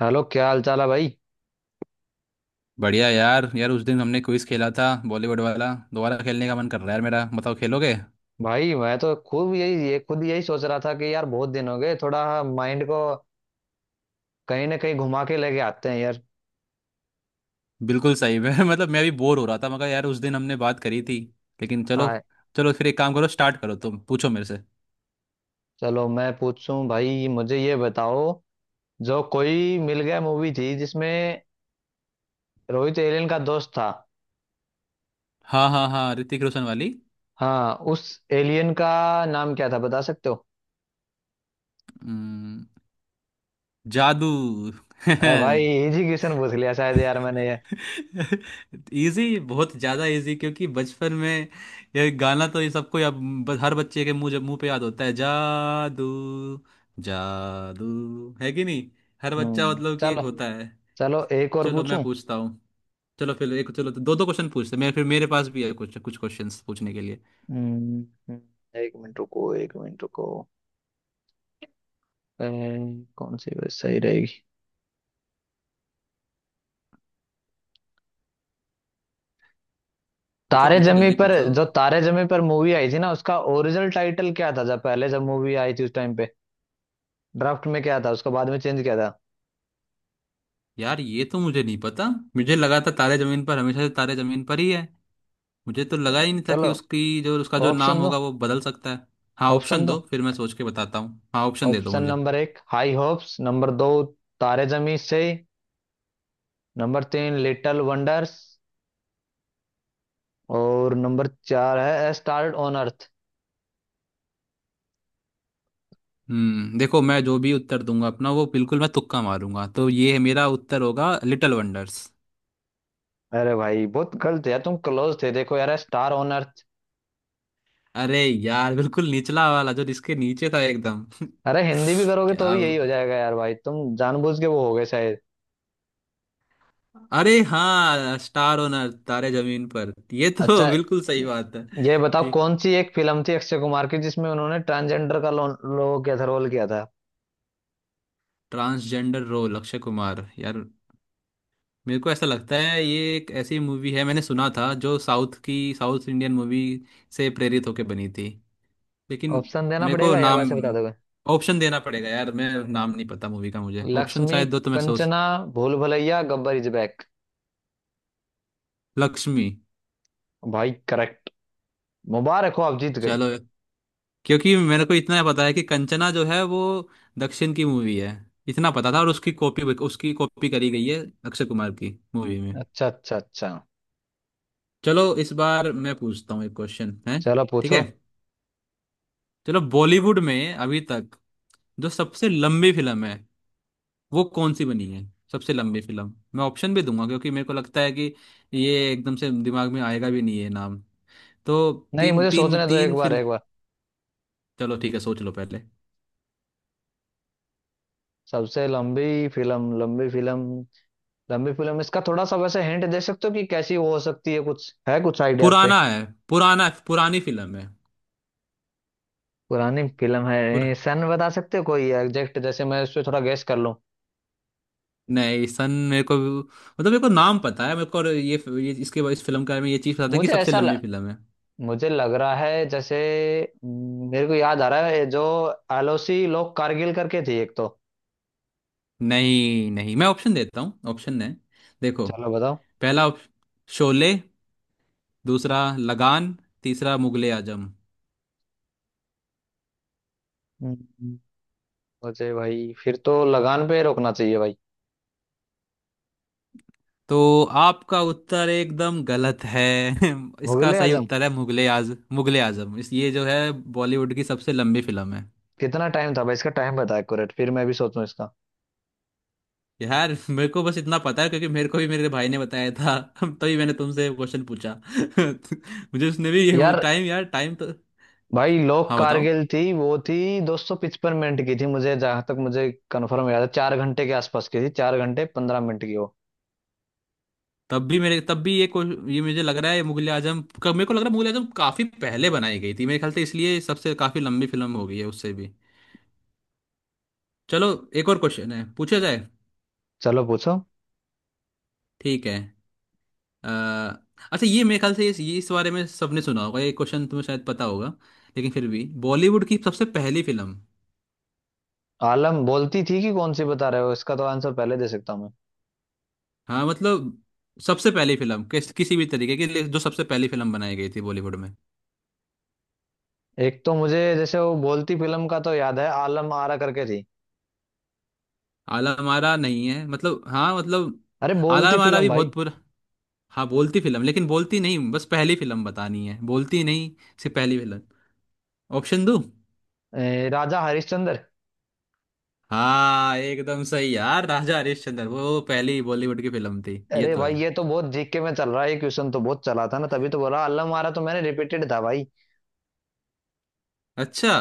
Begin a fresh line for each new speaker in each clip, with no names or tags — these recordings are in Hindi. हेलो क्या हाल चाल है भाई।
बढ़िया यार यार उस दिन हमने क्विज खेला था बॉलीवुड वाला। दोबारा खेलने का मन कर रहा है यार मेरा। बताओ खेलोगे?
भाई मैं तो खूब यही ये खुद यही सोच रहा था कि यार बहुत दिन हो गए, थोड़ा माइंड को कहीं ना कहीं घुमा के लेके आते हैं यार।
बिल्कुल सही है। मतलब मैं भी बोर हो रहा था। मगर यार उस दिन हमने बात करी थी लेकिन चलो।
हाँ,
चलो फिर एक काम करो, स्टार्ट करो, तुम पूछो मेरे से।
चलो मैं पूछूं। भाई मुझे ये बताओ, जो कोई मिल गया मूवी थी जिसमें रोहित एलियन का दोस्त था।
हाँ, हाँ, हाँ, ऋतिक रोशन वाली।
हाँ, उस एलियन का नाम क्या था बता सकते हो?
हम्म, जादू।
अरे भाई इजी क्वेश्चन पूछ लिया शायद यार मैंने ये।
इजी, बहुत ज्यादा इजी। क्योंकि बचपन में ये गाना तो ये सबको हर बच्चे के मुंह मुंह पे याद होता है। जादू जादू है कि नहीं। हर बच्चा
हम्म,
मतलब कि एक
चलो।
होता है।
चलो एक और
चलो मैं
पूछूं।
पूछता हूँ। चलो फिर एक चलो तो दो दो क्वेश्चन पूछते हैं। मैं फिर मेरे पास भी है कुछ कुछ क्वेश्चंस पूछने के लिए।
हम्म। एक मिनट रुको, एक मिनट रुको। अह, कौन सी बस सही रहेगी?
पूछो
तारे
पूछो,
जमी
जल्दी
पर,
पूछो।
जो तारे जमी पर मूवी आई थी ना, उसका ओरिजिनल टाइटल क्या था जब पहले जब मूवी आई थी उस टाइम पे? ड्राफ्ट में क्या था, उसको बाद में चेंज किया था।
यार ये तो मुझे नहीं पता। मुझे लगा था तारे जमीन पर हमेशा से तारे जमीन पर ही है। मुझे तो लगा ही नहीं था कि
चलो
उसकी जो उसका जो नाम
ऑप्शन दो।
होगा वो बदल सकता है। हाँ,
ऑप्शन
ऑप्शन
दो।
दो फिर मैं सोच के बताता हूँ। हाँ, ऑप्शन दे दो
ऑप्शन
मुझे।
नंबर एक हाई होप्स, नंबर दो तारे जमी से, नंबर तीन लिटिल वंडर्स, और नंबर चार है स्टार ऑन अर्थ।
देखो, मैं जो भी उत्तर दूंगा अपना वो बिल्कुल मैं तुक्का मारूंगा। तो ये है मेरा उत्तर होगा लिटिल वंडर्स।
अरे भाई बहुत गलत है यार, तुम क्लोज थे देखो यार, स्टार ऑन अर्थ।
अरे यार, बिल्कुल निचला वाला जो इसके नीचे था एकदम।
अरे हिंदी भी करोगे तो
क्या?
भी यही हो जाएगा यार, भाई तुम जानबूझ के वो हो गए शायद।
अरे हाँ, स्टार ओनर, तारे जमीन पर, ये
अच्छा,
तो बिल्कुल सही
ये
बात है।
ये बताओ
ठीक।
कौन सी एक फिल्म थी अक्षय कुमार की जिसमें उन्होंने ट्रांसजेंडर का लो, लो किया था रोल किया था?
Transgender role, Akshay Kumar. यार मेरे को ऐसा लगता है ये एक ऐसी मूवी है, मैंने सुना था जो साउथ इंडियन मूवी से प्रेरित होकर बनी थी। लेकिन।
ऑप्शन देना
मेरे को
पड़ेगा या
नाम
वैसे बता दोगे?
ऑप्शन देना पड़ेगा यार। मैं नाम नहीं पता मूवी का। मुझे ऑप्शन
लक्ष्मी,
शायद दो तो मैं सोच।
Kanchana, Bhool Bhulaiyaa, Gabbar is back.
लक्ष्मी।
भाई करेक्ट, मुबारक हो आप जीत गए।
चलो। क्योंकि मेरे को इतना पता है कि कंचना जो है वो दक्षिण की मूवी है। इतना पता था, और उसकी कॉपी करी गई है अक्षय कुमार की मूवी में।
अच्छा अच्छा अच्छा।
चलो इस बार मैं पूछता हूँ, एक क्वेश्चन है।
चलो
ठीक है।
पूछो।
चलो बॉलीवुड में अभी तक जो सबसे लंबी फिल्म है वो कौन सी बनी है? सबसे लंबी फिल्म। मैं ऑप्शन भी दूंगा क्योंकि मेरे को लगता है कि ये एकदम से दिमाग में आएगा भी नहीं है नाम। तो
नहीं
तीन
मुझे
तीन
सोचने दो, एक
तीन
बार
फिल्म।
एक बार
चलो ठीक है, सोच लो पहले।
सबसे लंबी फिल्म, लंबी फिल्म। इसका थोड़ा सा वैसे हिंट दे सकते हो कि कैसी वो हो सकती है, कुछ है कुछ आइडिया आप पे?
पुराना है। पुराना पुरानी फिल्म है।
पुरानी फिल्म
पुर
है, सन बता सकते हो कोई एग्जैक्ट, जैसे मैं उससे थोड़ा गेस कर लूं?
नहीं सन, मेरे को मतलब मेरे को नाम पता है मेरे को, और ये इसके इस फिल्म के बारे में ये चीज़ पता था कि
मुझे
सबसे
ऐसा ल,
लंबी फिल्म है।
मुझे लग रहा है जैसे, मेरे को याद आ रहा है जो एलओसी लोग कारगिल करके थी एक तो।
नहीं, नहीं, मैं ऑप्शन देता हूँ। ऑप्शन है, देखो।
चलो बताओ।
पहला शोले। दूसरा लगान। तीसरा मुगले आजम।
हम्म, मुझे भाई फिर तो लगान पे रोकना चाहिए भाई।
तो आपका उत्तर एकदम गलत है। इसका
मुगले
सही
आजम?
उत्तर है मुगले आजम। इस ये जो है बॉलीवुड की सबसे लंबी फिल्म है।
कितना टाइम था भाई, इसका टाइम बता एक्यूरेट फिर मैं भी सोचूं इसका।
यार मेरे को बस इतना पता है क्योंकि मेरे को भी मेरे भाई ने बताया था। तभी मैंने तुमसे क्वेश्चन पूछा। मुझे उसने भी
यार
टाइम, यार टाइम तो।
भाई लोग
हाँ, बताओ।
कारगिल थी वो थी दो सौ पचपन मिनट की थी, मुझे जहां तक मुझे कंफर्म याद है चार घंटे के आसपास की थी, चार घंटे पंद्रह मिनट की वो।
तब भी ये को ये मुझे लग रहा है मुगले आजम। मेरे को लग रहा है मुगले आजम काफी पहले बनाई गई थी मेरे ख्याल से, इसलिए सबसे काफी लंबी फिल्म हो गई है उससे भी। चलो, एक और क्वेश्चन है, पूछा जाए।
चलो पूछो।
ठीक है। अ, अच्छा, ये मेरे ख्याल से ये इस बारे में सबने सुना होगा, ये क्वेश्चन तुम्हें शायद पता होगा, लेकिन फिर भी बॉलीवुड की सबसे पहली फिल्म।
आलम बोलती थी कि कौन सी बता रहे हो, इसका तो आंसर पहले दे सकता हूँ मैं।
हाँ मतलब, सबसे पहली फिल्म, किसी भी तरीके की जो सबसे पहली फिल्म बनाई गई थी बॉलीवुड में।
एक तो मुझे जैसे वो बोलती फिल्म का तो याद है, आलम आरा करके थी।
आला मारा नहीं है, मतलब, हाँ मतलब
अरे
आला
बोलती
मारा
फिल्म
भी
भाई।
बहुत पूरा। हाँ बोलती फिल्म, लेकिन बोलती नहीं, बस पहली फिल्म बतानी है, बोलती नहीं, सिर्फ पहली फिल्म। ऑप्शन दो।
राजा हरिश्चंद्र।
हाँ, एकदम सही यार, राजा हरिश्चंद्र वो पहली बॉलीवुड की फिल्म थी, ये
अरे
तो है।
भाई ये तो बहुत जीके में चल रहा है, ये क्वेश्चन तो बहुत चला था ना, तभी तो बोला आलम आरा, तो मैंने रिपीटेड था भाई।
अच्छा।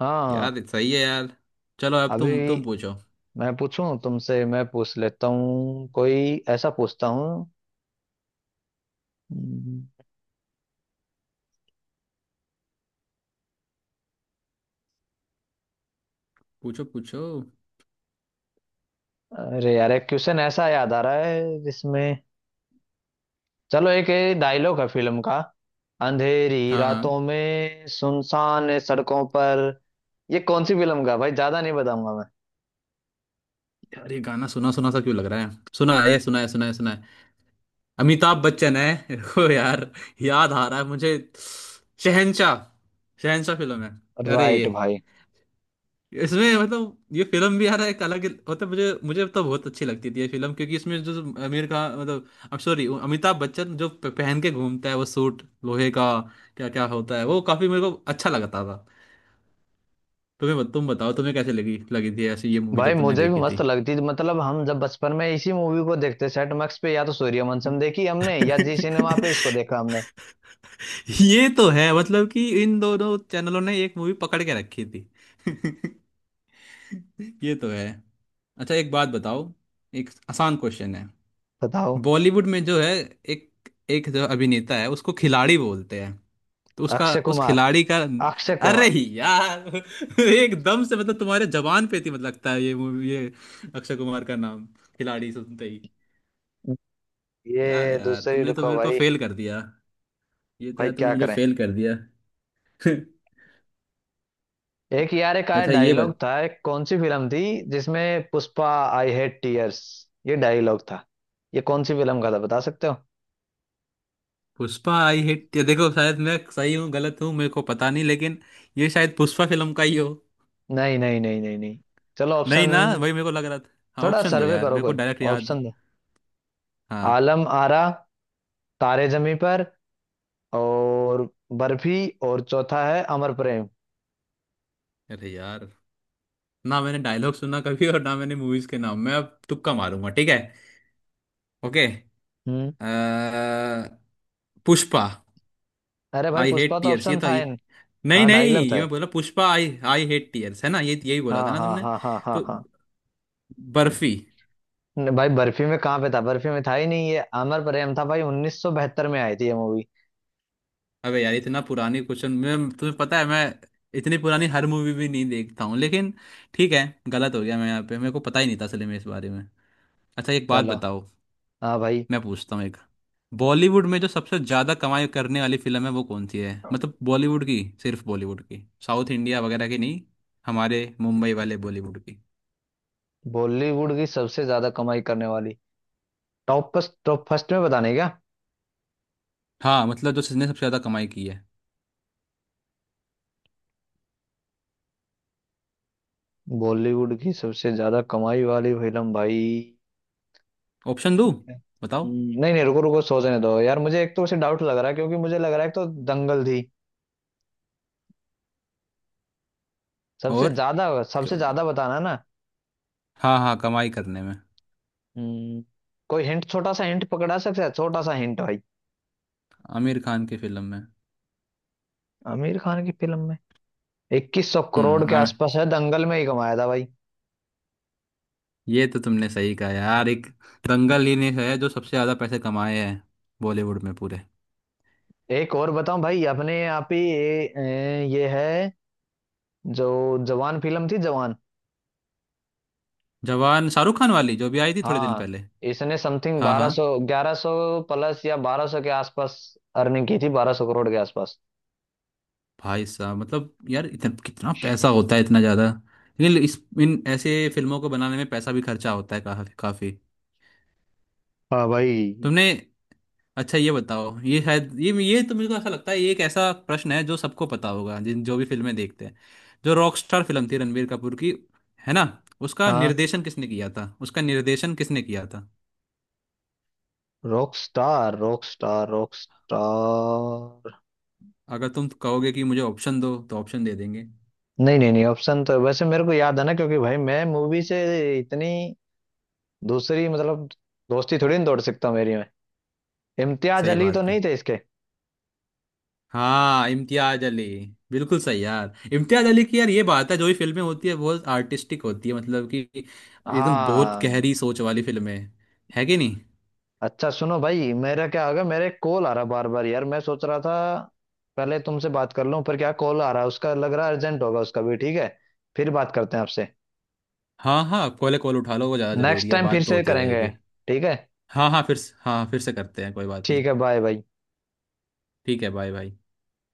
हाँ।
यार सही है यार। चलो अब
अभी
तुम पूछो।
मैं पूछ लेता हूँ कोई ऐसा पूछता हूँ। हम्म,
पूछो पूछो।
अरे यार एक क्वेश्चन ऐसा याद आ रहा है जिसमें, चलो एक डायलॉग है फिल्म का: अंधेरी
हाँ,
रातों
हाँ,
में सुनसान सड़कों पर। ये कौन सी फिल्म का है भाई, ज्यादा नहीं बताऊंगा मैं।
यार ये गाना सुना सुना सा क्यों लग रहा है? सुना है, सुना है, सुना है, सुना है। अमिताभ बच्चन है। रुको यार, याद आ रहा है मुझे। शहनशाह। शहनशाह फिल्म है। अरे ये,
राइट भाई।
इसमें मतलब ये फिल्म भी यार एक अलग, मतलब मुझे मुझे तो बहुत अच्छी लगती थी ये फिल्म। क्योंकि इसमें जो जो आमिर खान, मतलब अब सॉरी अमिताभ बच्चन, जो पहन के घूमता है वो सूट लोहे का, क्या क्या होता है, वो काफी मेरे को अच्छा लगता था। तुम बताओ, तुम्हें कैसे लगी लगी थी ऐसी ये मूवी
भाई
जब तुमने
मुझे भी
देखी
मस्त
थी।
लगती थी, मतलब हम जब बचपन में इसी मूवी को देखते सेट मैक्स पे, या तो सूर्यवंशम देखी हमने या जी सिनेमा पे इसको देखा हमने।
ये तो है, मतलब कि इन दोनों चैनलों ने एक मूवी पकड़ के रखी थी। ये तो है। अच्छा एक बात बताओ, एक आसान क्वेश्चन है।
बताओ।
बॉलीवुड में जो है, एक एक जो अभिनेता है उसको खिलाड़ी बोलते हैं, तो उसका
अक्षय
उस
कुमार,
खिलाड़ी का।
अक्षय
अरे
कुमार।
यार एकदम से मतलब तुम्हारे जबान पे थी, मतलब लगता है ये मूवी, ये अक्षय कुमार का नाम खिलाड़ी सुनते ही।
ये
क्या यार,
दूसरी,
तुमने तो
रुको
मेरे को
भाई।
फेल कर दिया। ये तो
भाई
यार तुमने
क्या
मुझे
करें।
फेल कर दिया।
एक यार, एक आया
अच्छा, ये
डायलॉग
बत
था एक, कौन सी फिल्म थी जिसमें पुष्पा, आई हेट टीयर्स, ये डायलॉग था, ये कौन सी फिल्म का था बता सकते हो?
पुष्पा आई हिट, ये देखो शायद मैं सही हूँ गलत हूँ मेरे को पता नहीं, लेकिन ये शायद पुष्पा फिल्म का ही हो।
नहीं नहीं नहीं नहीं नहीं। चलो
नहीं
ऑप्शन,
ना, वही मेरे को लग रहा था। हाँ,
थोड़ा
ऑप्शन दो
सर्वे
यार,
करो
मेरे को
कोई।
डायरेक्ट याद नहीं।
ऑप्शन दो:
हाँ।
आलम आरा, तारे जमी पर, और बर्फी, और चौथा है अमर प्रेम।
अरे यार, ना मैंने डायलॉग सुना कभी और ना मैंने मूवीज के नाम, मैं अब तुक्का मारूंगा, ठीक है। ओके।
हम्म।
अ, पुष्पा।
अरे भाई
आई
पुष्पा
हेट
तो
टीयर्स, ये
ऑप्शन
था
था
ये।
इन।
नहीं,
हाँ
नहीं,
डायलॉग था
ये मैं
ये।
बोला Pushpa I. I hate tears है ना ये, यही बोला
हाँ
था ना
हाँ
तुमने?
हाँ हाँ हाँ
तो
हाँ।
बर्फी।
नहीं भाई बर्फी में कहाँ पे था, बर्फी में था ही नहीं, ये अमर प्रेम था भाई, 1972 में आई थी ये मूवी।
अबे यार इतना पुरानी क्वेश्चन मैं, तुम्हें पता है, मैं इतनी पुरानी हर मूवी भी नहीं देखता हूँ, लेकिन ठीक है, गलत हो गया मैं यहाँ पे, मेरे को पता ही नहीं था असल में इस बारे में। अच्छा एक बात
चलो।
बताओ,
हाँ भाई।
मैं पूछता हूँ। बॉलीवुड में जो सबसे ज्यादा कमाई करने वाली फिल्म है वो कौन सी है? मतलब बॉलीवुड की सिर्फ बॉलीवुड की, साउथ इंडिया वगैरह की नहीं, हमारे मुंबई वाले बॉलीवुड की।
बॉलीवुड की सबसे ज्यादा कमाई करने वाली टॉप फर्स्ट, टॉप फर्स्ट में बताने क्या?
हाँ मतलब जो जिसने सबसे ज्यादा कमाई की है।
बॉलीवुड की सबसे ज्यादा कमाई वाली फिल्म भाई।
ऑप्शन दो, बताओ।
नहीं नहीं, रुको रुको, सोचने दो यार मुझे, एक तो उसे डाउट लग रहा है क्योंकि मुझे लग रहा है एक तो दंगल थी सबसे
और
ज्यादा। सबसे
क्यों-
ज्यादा बताना ना?
हाँ, हाँ, कमाई करने में।
हम्म, कोई हिंट, छोटा सा हिंट पकड़ा सकता है, छोटा सा हिंट भाई?
आमिर खान की फिल्म में।
आमिर खान की फिल्म में? इक्कीस सौ करोड़ के आसपास
आमिर,
है, दंगल में ही कमाया था भाई।
ये तो तुमने सही कहा यार, एक दंगल ही ने है जो सबसे ज्यादा पैसे कमाए हैं बॉलीवुड में पूरे।
एक और बताऊं भाई अपने आप ही, ये है जो जवान फिल्म थी, जवान।
जवान शाहरुख खान वाली जो भी आई थी थोड़े दिन
हाँ,
पहले।
इसने समथिंग
हाँ,
बारह
हाँ।
सौ, ग्यारह सौ प्लस, या बारह सौ के आसपास अर्निंग की थी, बारह सौ करोड़ के आसपास।
भाई साहब, मतलब यार इतना कितना पैसा होता है, इतना ज्यादा। लेकिन इस इन ऐसे फिल्मों को बनाने में पैसा भी खर्चा होता है काफी काफी।
हाँ भाई।
तुमने अच्छा ये बताओ, ये शायद ये तो मेरे को ऐसा लगता है, ये एक ऐसा प्रश्न है जो सबको पता होगा जिन जो भी फिल्में देखते हैं। जो रॉकस्टार फिल्म थी रणबीर कपूर की, है ना? उसका
हाँ,
निर्देशन किसने किया था? उसका निर्देशन किसने किया था?
Rock star.
अगर तुम कहोगे कि मुझे ऑप्शन दो तो ऑप्शन दे देंगे।
नहीं नहीं नहीं, ऑप्शन तो वैसे मेरे को याद है ना, क्योंकि भाई मैं मूवी से इतनी दूसरी मतलब दोस्ती थोड़ी ना तोड़ सकता हूँ मेरी में। इम्तियाज
सही
अली तो
बात है।
नहीं थे इसके?
हाँ, इम्तियाज अली। बिल्कुल सही यार, इम्तियाज अली की यार ये बात है, जो भी फिल्में होती है बहुत आर्टिस्टिक होती है, मतलब कि एकदम बहुत
हाँ।
गहरी सोच वाली फिल्में। है कि नहीं?
अच्छा सुनो भाई, मेरा क्या होगा, मेरे कॉल आ रहा बार बार यार, मैं सोच रहा था पहले तुमसे बात कर लूं, पर क्या कॉल आ रहा है उसका, लग रहा है अर्जेंट होगा उसका भी। ठीक है, फिर बात करते हैं आपसे,
हाँ, हाँ, कॉल उठा लो, वो ज़्यादा
नेक्स्ट
ज़रूरी है,
टाइम फिर
बात तो
से
होती
करेंगे।
रहेगी।
ठीक है।
हाँ, हाँ, हाँ फिर से करते हैं, कोई बात
ठीक
नहीं।
है, बाय बाय।
ठीक है, बाय बाय।